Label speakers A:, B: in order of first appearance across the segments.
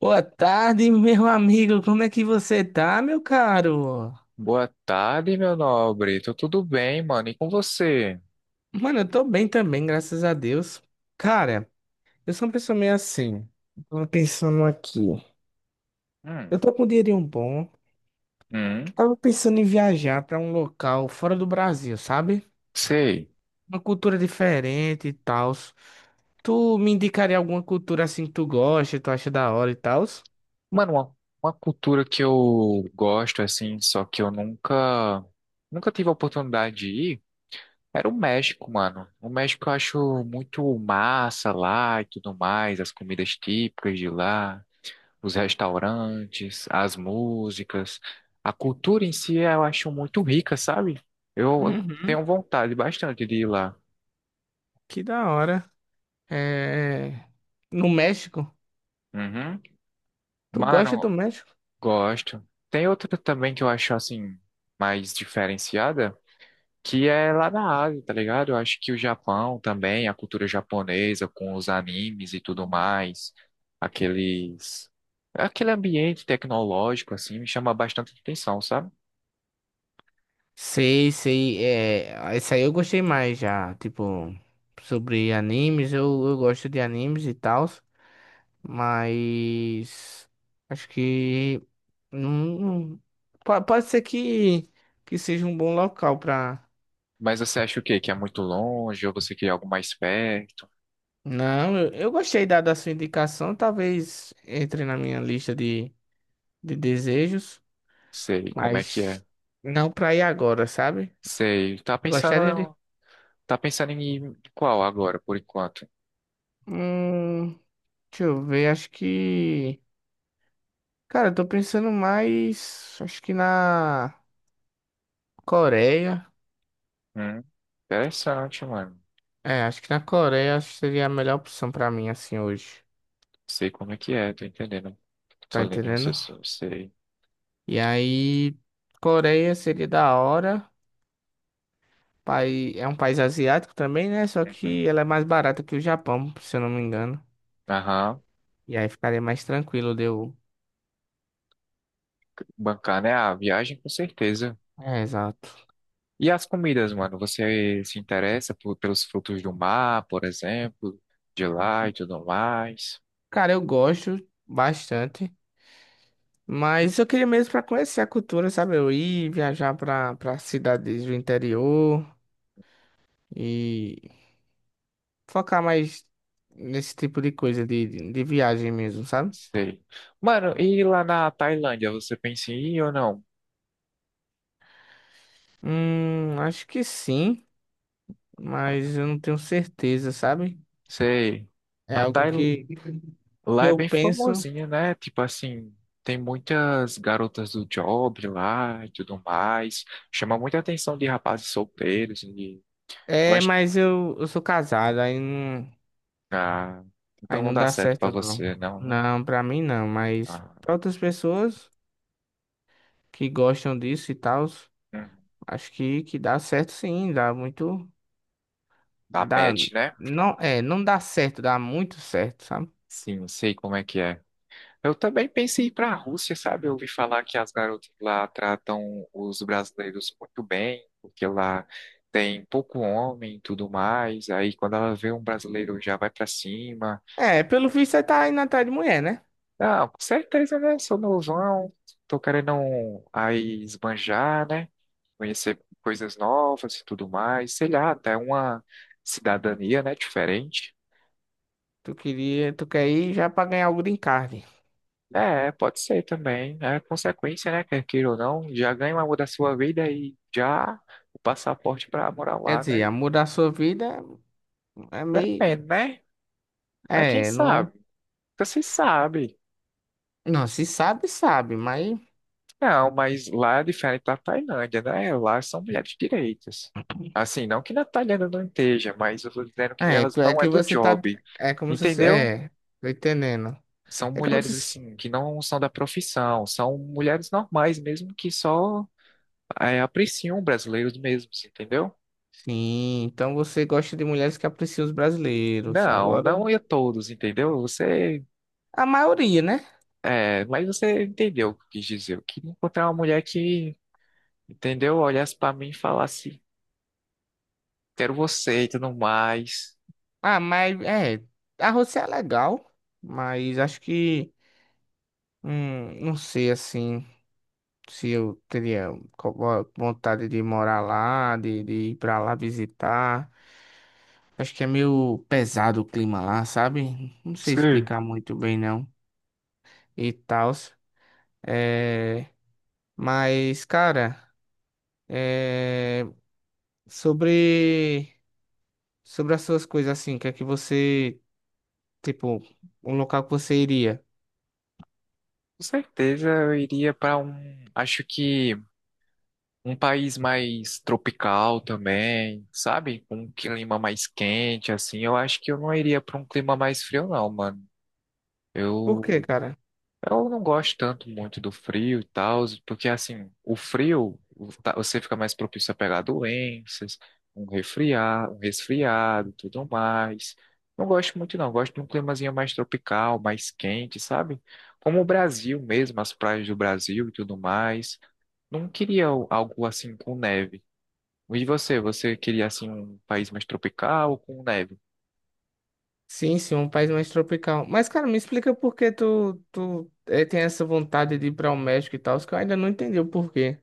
A: Boa tarde, meu amigo. Como é que você tá, meu caro?
B: Boa tarde, meu nobre. Tô tudo bem, mano. E com você?
A: Mano, eu tô bem também, graças a Deus. Cara, eu sou uma pessoa meio assim. Tava pensando aqui.
B: Hum,
A: Eu tô com um dinheirinho bom.
B: hum,
A: Tava pensando em viajar pra um local fora do Brasil, sabe?
B: sei.
A: Uma cultura diferente e tal. Tu me indicaria alguma cultura assim que tu gosta, tu acha da hora e tal?
B: Mano, uma cultura que eu gosto, assim, só que eu nunca tive a oportunidade de ir, era o México, mano. O México eu acho muito massa lá e tudo mais, as comidas típicas de lá, os restaurantes, as músicas. A cultura em si eu acho muito rica, sabe? Eu
A: Uhum,
B: tenho vontade bastante de ir lá.
A: que da hora. É... No México?
B: Uhum.
A: Tu gosta
B: Mano,
A: do México?
B: gosto. Tem outra também que eu acho assim mais diferenciada, que é lá na Ásia, tá ligado? Eu acho que o Japão também, a cultura japonesa com os animes e tudo mais, aqueles aquele ambiente tecnológico assim me chama bastante atenção, sabe?
A: Sei, sei, é, esse aí eu gostei mais já, tipo, sobre animes, eu gosto de animes e tal, mas acho que não, não- pode ser que seja um bom local pra...
B: Mas você acha o quê? Que é muito longe ou você quer algo mais perto?
A: Não, eu gostei da sua indicação, talvez entre na minha lista de desejos,
B: Sei como é que é.
A: mas não pra ir agora, sabe?
B: Sei.
A: Gostaria de...
B: Tá pensando em qual agora, por enquanto?
A: Hum, deixa eu ver, acho que... Cara, eu tô pensando mais, acho que na Coreia.
B: Hum, interessante, mano.
A: É, acho que na Coreia acho que seria a melhor opção pra mim assim hoje.
B: Sei como é que é, tô entendendo. Tô
A: Tá
B: lendo o
A: entendendo?
B: raciocínio, sei.
A: E aí, Coreia seria da hora. Pai, é um país asiático também, né? Só
B: Uhum.
A: que ela é mais barata que o Japão, se eu não me engano.
B: Aham.
A: E aí ficaria mais tranquilo de eu.
B: Bancar, né? A viagem, com certeza.
A: É, exato.
B: E as comidas, mano? Você se interessa por- pelos frutos do mar, por exemplo, de lá e tudo mais?
A: Cara, eu gosto bastante, mas eu queria mesmo pra conhecer a cultura, sabe? Eu ir viajar pra para cidades do interior. E focar mais nesse tipo de coisa, de viagem mesmo, sabe?
B: Sei. Mano, e lá na Tailândia, você pensa em ir ou não?
A: Acho que sim, mas eu não tenho certeza, sabe?
B: Sei.
A: É
B: A
A: algo
B: Tail...
A: que
B: Lá é
A: eu
B: bem
A: penso.
B: famosinha, né? Tipo assim, tem muitas garotas do job lá e tudo mais. Chama muita atenção de rapazes solteiros,
A: É,
B: gosto.
A: mas eu sou casado,
B: Ah,
A: aí
B: então não
A: não
B: dá
A: dá
B: certo pra
A: certo, não.
B: você, não, né?
A: Não, pra mim não, mas
B: Ah,
A: pra outras pessoas que gostam disso e tal,
B: hum,
A: acho que dá certo sim, dá muito.
B: a
A: Dá,
B: match, né?
A: não, é, não dá certo, dá muito certo, sabe?
B: Sim, sei como é que é. Eu também pensei em ir pra Rússia, sabe? Eu ouvi falar que as garotas lá tratam os brasileiros muito bem, porque lá tem pouco homem e tudo mais. Aí quando ela vê um brasileiro já vai para cima.
A: É, pelo visto você tá indo atrás de mulher, né?
B: Não, com certeza, né? Sou novão, tô querendo um- aí esbanjar, né? Conhecer coisas novas e tudo mais, sei lá, até uma cidadania, né, diferente.
A: Tu quer ir já pra ganhar o green card.
B: É, pode ser também, é consequência, né, quer queira ou não, já ganha uma da sua vida e já o passaporte para morar
A: Quer
B: lá,
A: dizer,
B: né?
A: a mudar a sua vida é meio.
B: Depende, né? Mas quem
A: É.
B: sabe? Você sabe.
A: Não, se sabe, sabe, mas.
B: Não, mas lá é diferente da Tailândia, né? Lá são mulheres direitas. Assim, não que na Tailândia não esteja, mas eu tô dizendo que
A: É,
B: elas
A: é
B: não é
A: que
B: do
A: você tá.
B: job,
A: É como se.
B: entendeu?
A: É, tô entendendo.
B: São
A: É como
B: mulheres,
A: se.
B: assim, que não são da profissão, são mulheres normais mesmo, que só é, apreciam brasileiros mesmos, entendeu?
A: Sim, então você gosta de mulheres que apreciam os brasileiros.
B: Não,
A: Agora.
B: não é todos, entendeu? Você,
A: A maioria, né?
B: é, mas você entendeu o que eu quis dizer. Eu queria encontrar uma mulher que, entendeu? Olhasse pra mim e falasse, quero você e tudo mais.
A: Ah, mas. É. A Rosé é legal, mas acho que. Não sei assim. Se eu teria vontade de morar lá, de ir pra lá visitar. Acho que é meio pesado o clima lá, sabe? Não sei
B: Sim.
A: explicar muito bem não e tal. É. Mas, cara, é, sobre sobre as suas coisas assim, o que é que você, tipo, um local que você iria?
B: Com certeza eu iria para um, acho que um país mais tropical também, sabe? Com um clima mais quente, assim. Eu acho que eu não iria para um clima mais frio, não, mano.
A: Por quê,
B: Eu
A: cara?
B: eu não gosto tanto muito do frio e tal, porque assim, o frio o- tá- você fica mais propício a pegar doenças, um resfriar, um resfriado, tudo mais. Não gosto muito não, gosto de um climazinho mais tropical, mais quente, sabe? Como o Brasil mesmo, as praias do Brasil e tudo mais. Não queria o- algo assim com neve. E você, você queria assim um país mais tropical ou com neve?
A: Sim, sim, um país mais tropical. Mas, cara, me explica por que tu tem essa vontade de ir para o México e tal, que eu ainda não entendi o porquê.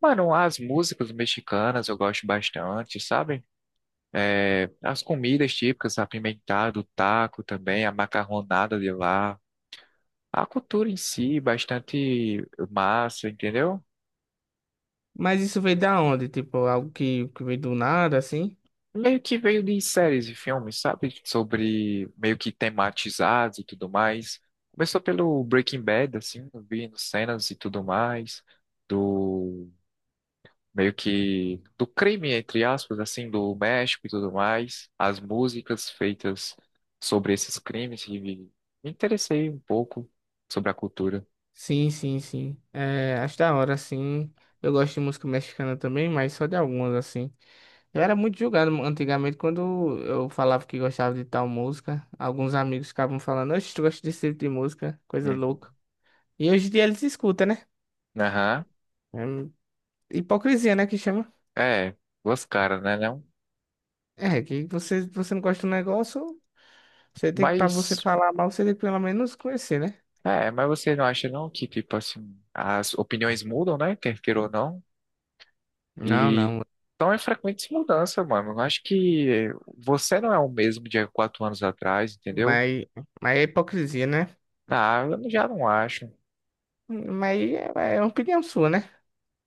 B: Mano, as músicas mexicanas eu gosto bastante, sabe? É, as comidas típicas, apimentado, o taco também, a macarronada de lá. A cultura em si, bastante massa, entendeu?
A: Mas isso veio da onde? Tipo, algo que veio do nada, assim?
B: Meio que veio de séries e filmes, sabe? Sobre meio que tematizados e tudo mais. Começou pelo Breaking Bad, assim, vindo cenas e tudo mais, do meio que do crime, entre aspas, assim, do México e tudo mais, as músicas feitas sobre esses crimes e me interessei um pouco sobre a cultura.
A: Sim, sim, sim. É, acho da hora, assim. Eu gosto de música mexicana também, mas só de algumas, assim. Eu era muito julgado antigamente quando eu falava que gostava de tal música. Alguns amigos ficavam falando, oxe, tu gosta desse tipo de música, coisa
B: Uhum.
A: louca. E hoje em dia eles escutam, né?
B: Aham.
A: É hipocrisia, né, que chama.
B: É, duas caras, né, não?
A: É, você não gosta do negócio, você tem que, pra você
B: Mas,
A: falar mal, você tem que pelo menos conhecer, né?
B: é, mas você não acha não que, tipo assim, as opiniões mudam, né, quer queira ou não?
A: Não,
B: E
A: não.
B: então é frequente mudança, mano. Eu acho que você não é o mesmo de há 4 anos atrás, entendeu?
A: Mas, mas é hipocrisia, né?
B: Ah, eu já não acho.
A: Mas aí é opinião sua, né?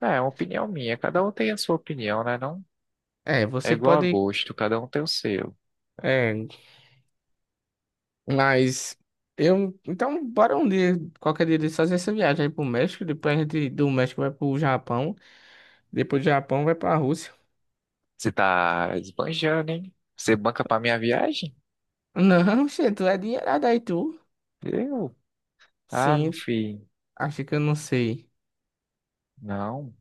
B: É, é uma opinião minha. Cada um tem a sua opinião, né? Não
A: É,
B: é
A: você
B: igual a
A: pode.
B: gosto, cada um tem o seu.
A: É, mas eu. Então, bora um dia, qualquer dia, desse, fazer essa viagem aí pro México. Depois a gente do México vai pro Japão. Depois do Japão vai pra Rússia.
B: Você tá esbanjando, hein? Você banca pra minha viagem?
A: Não, gente, tu é dinheirada aí, tu.
B: Eu? Ah, meu
A: Sim,
B: filho,
A: acho que eu não sei.
B: não.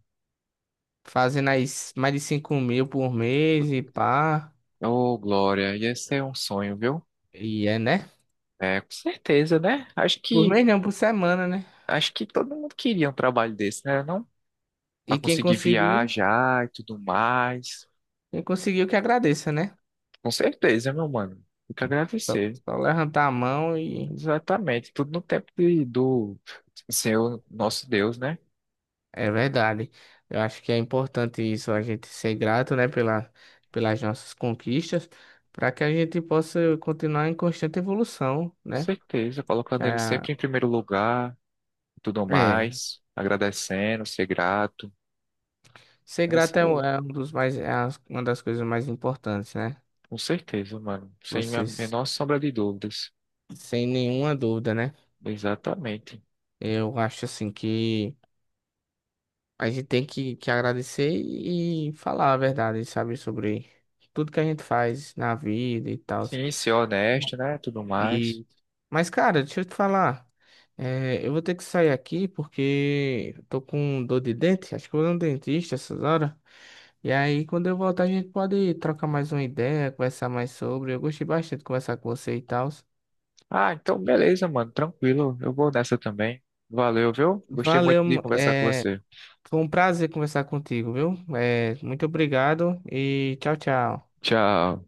A: Fazendo aí mais de 5.000 por mês e pá.
B: Ô, Glória, ia ser um sonho, viu?
A: E é, né?
B: É, com certeza, né?
A: Por mês não, por semana, né?
B: Acho que todo mundo queria um trabalho desse, né? Não? Pra
A: E
B: conseguir viajar e tudo mais.
A: quem conseguiu que agradeça, né?
B: Com certeza, meu mano. Fica
A: Só,
B: agradecer.
A: só levantar a mão e.
B: Exatamente. Tudo no tempo do Senhor, nosso Deus, né?
A: É verdade. Eu acho que é importante isso, a gente ser grato, né, pela, pelas nossas conquistas, para que a gente possa continuar em constante evolução,
B: Com
A: né?
B: certeza,
A: Que
B: colocando ele
A: a-
B: sempre em primeiro lugar, e tudo
A: é,
B: mais, agradecendo, ser grato.
A: ser
B: É isso
A: grato
B: aí.
A: é um dos mais, é uma das coisas mais importantes, né?
B: Com certeza, mano. Sem a
A: Vocês,
B: menor sombra de dúvidas.
A: sem nenhuma dúvida, né?
B: Exatamente.
A: Eu acho assim que a gente tem que agradecer e falar a verdade, sabe, sobre tudo que a gente faz na vida e tal.
B: Sim, ser honesto, né? Tudo mais.
A: E... Mas, cara, deixa eu te falar. É, eu vou ter que sair aqui porque eu tô com dor de dente. Acho que eu vou no dentista essas horas. E aí, quando eu voltar, a gente pode trocar mais uma ideia, conversar mais sobre. Eu gostei bastante de conversar com você e tal.
B: Ah, então beleza, mano. Tranquilo. Eu vou nessa também. Valeu, viu? Gostei muito
A: Valeu,
B: de conversar com
A: é,
B: você.
A: foi um prazer conversar contigo, viu? É, muito obrigado e tchau, tchau.
B: Tchau.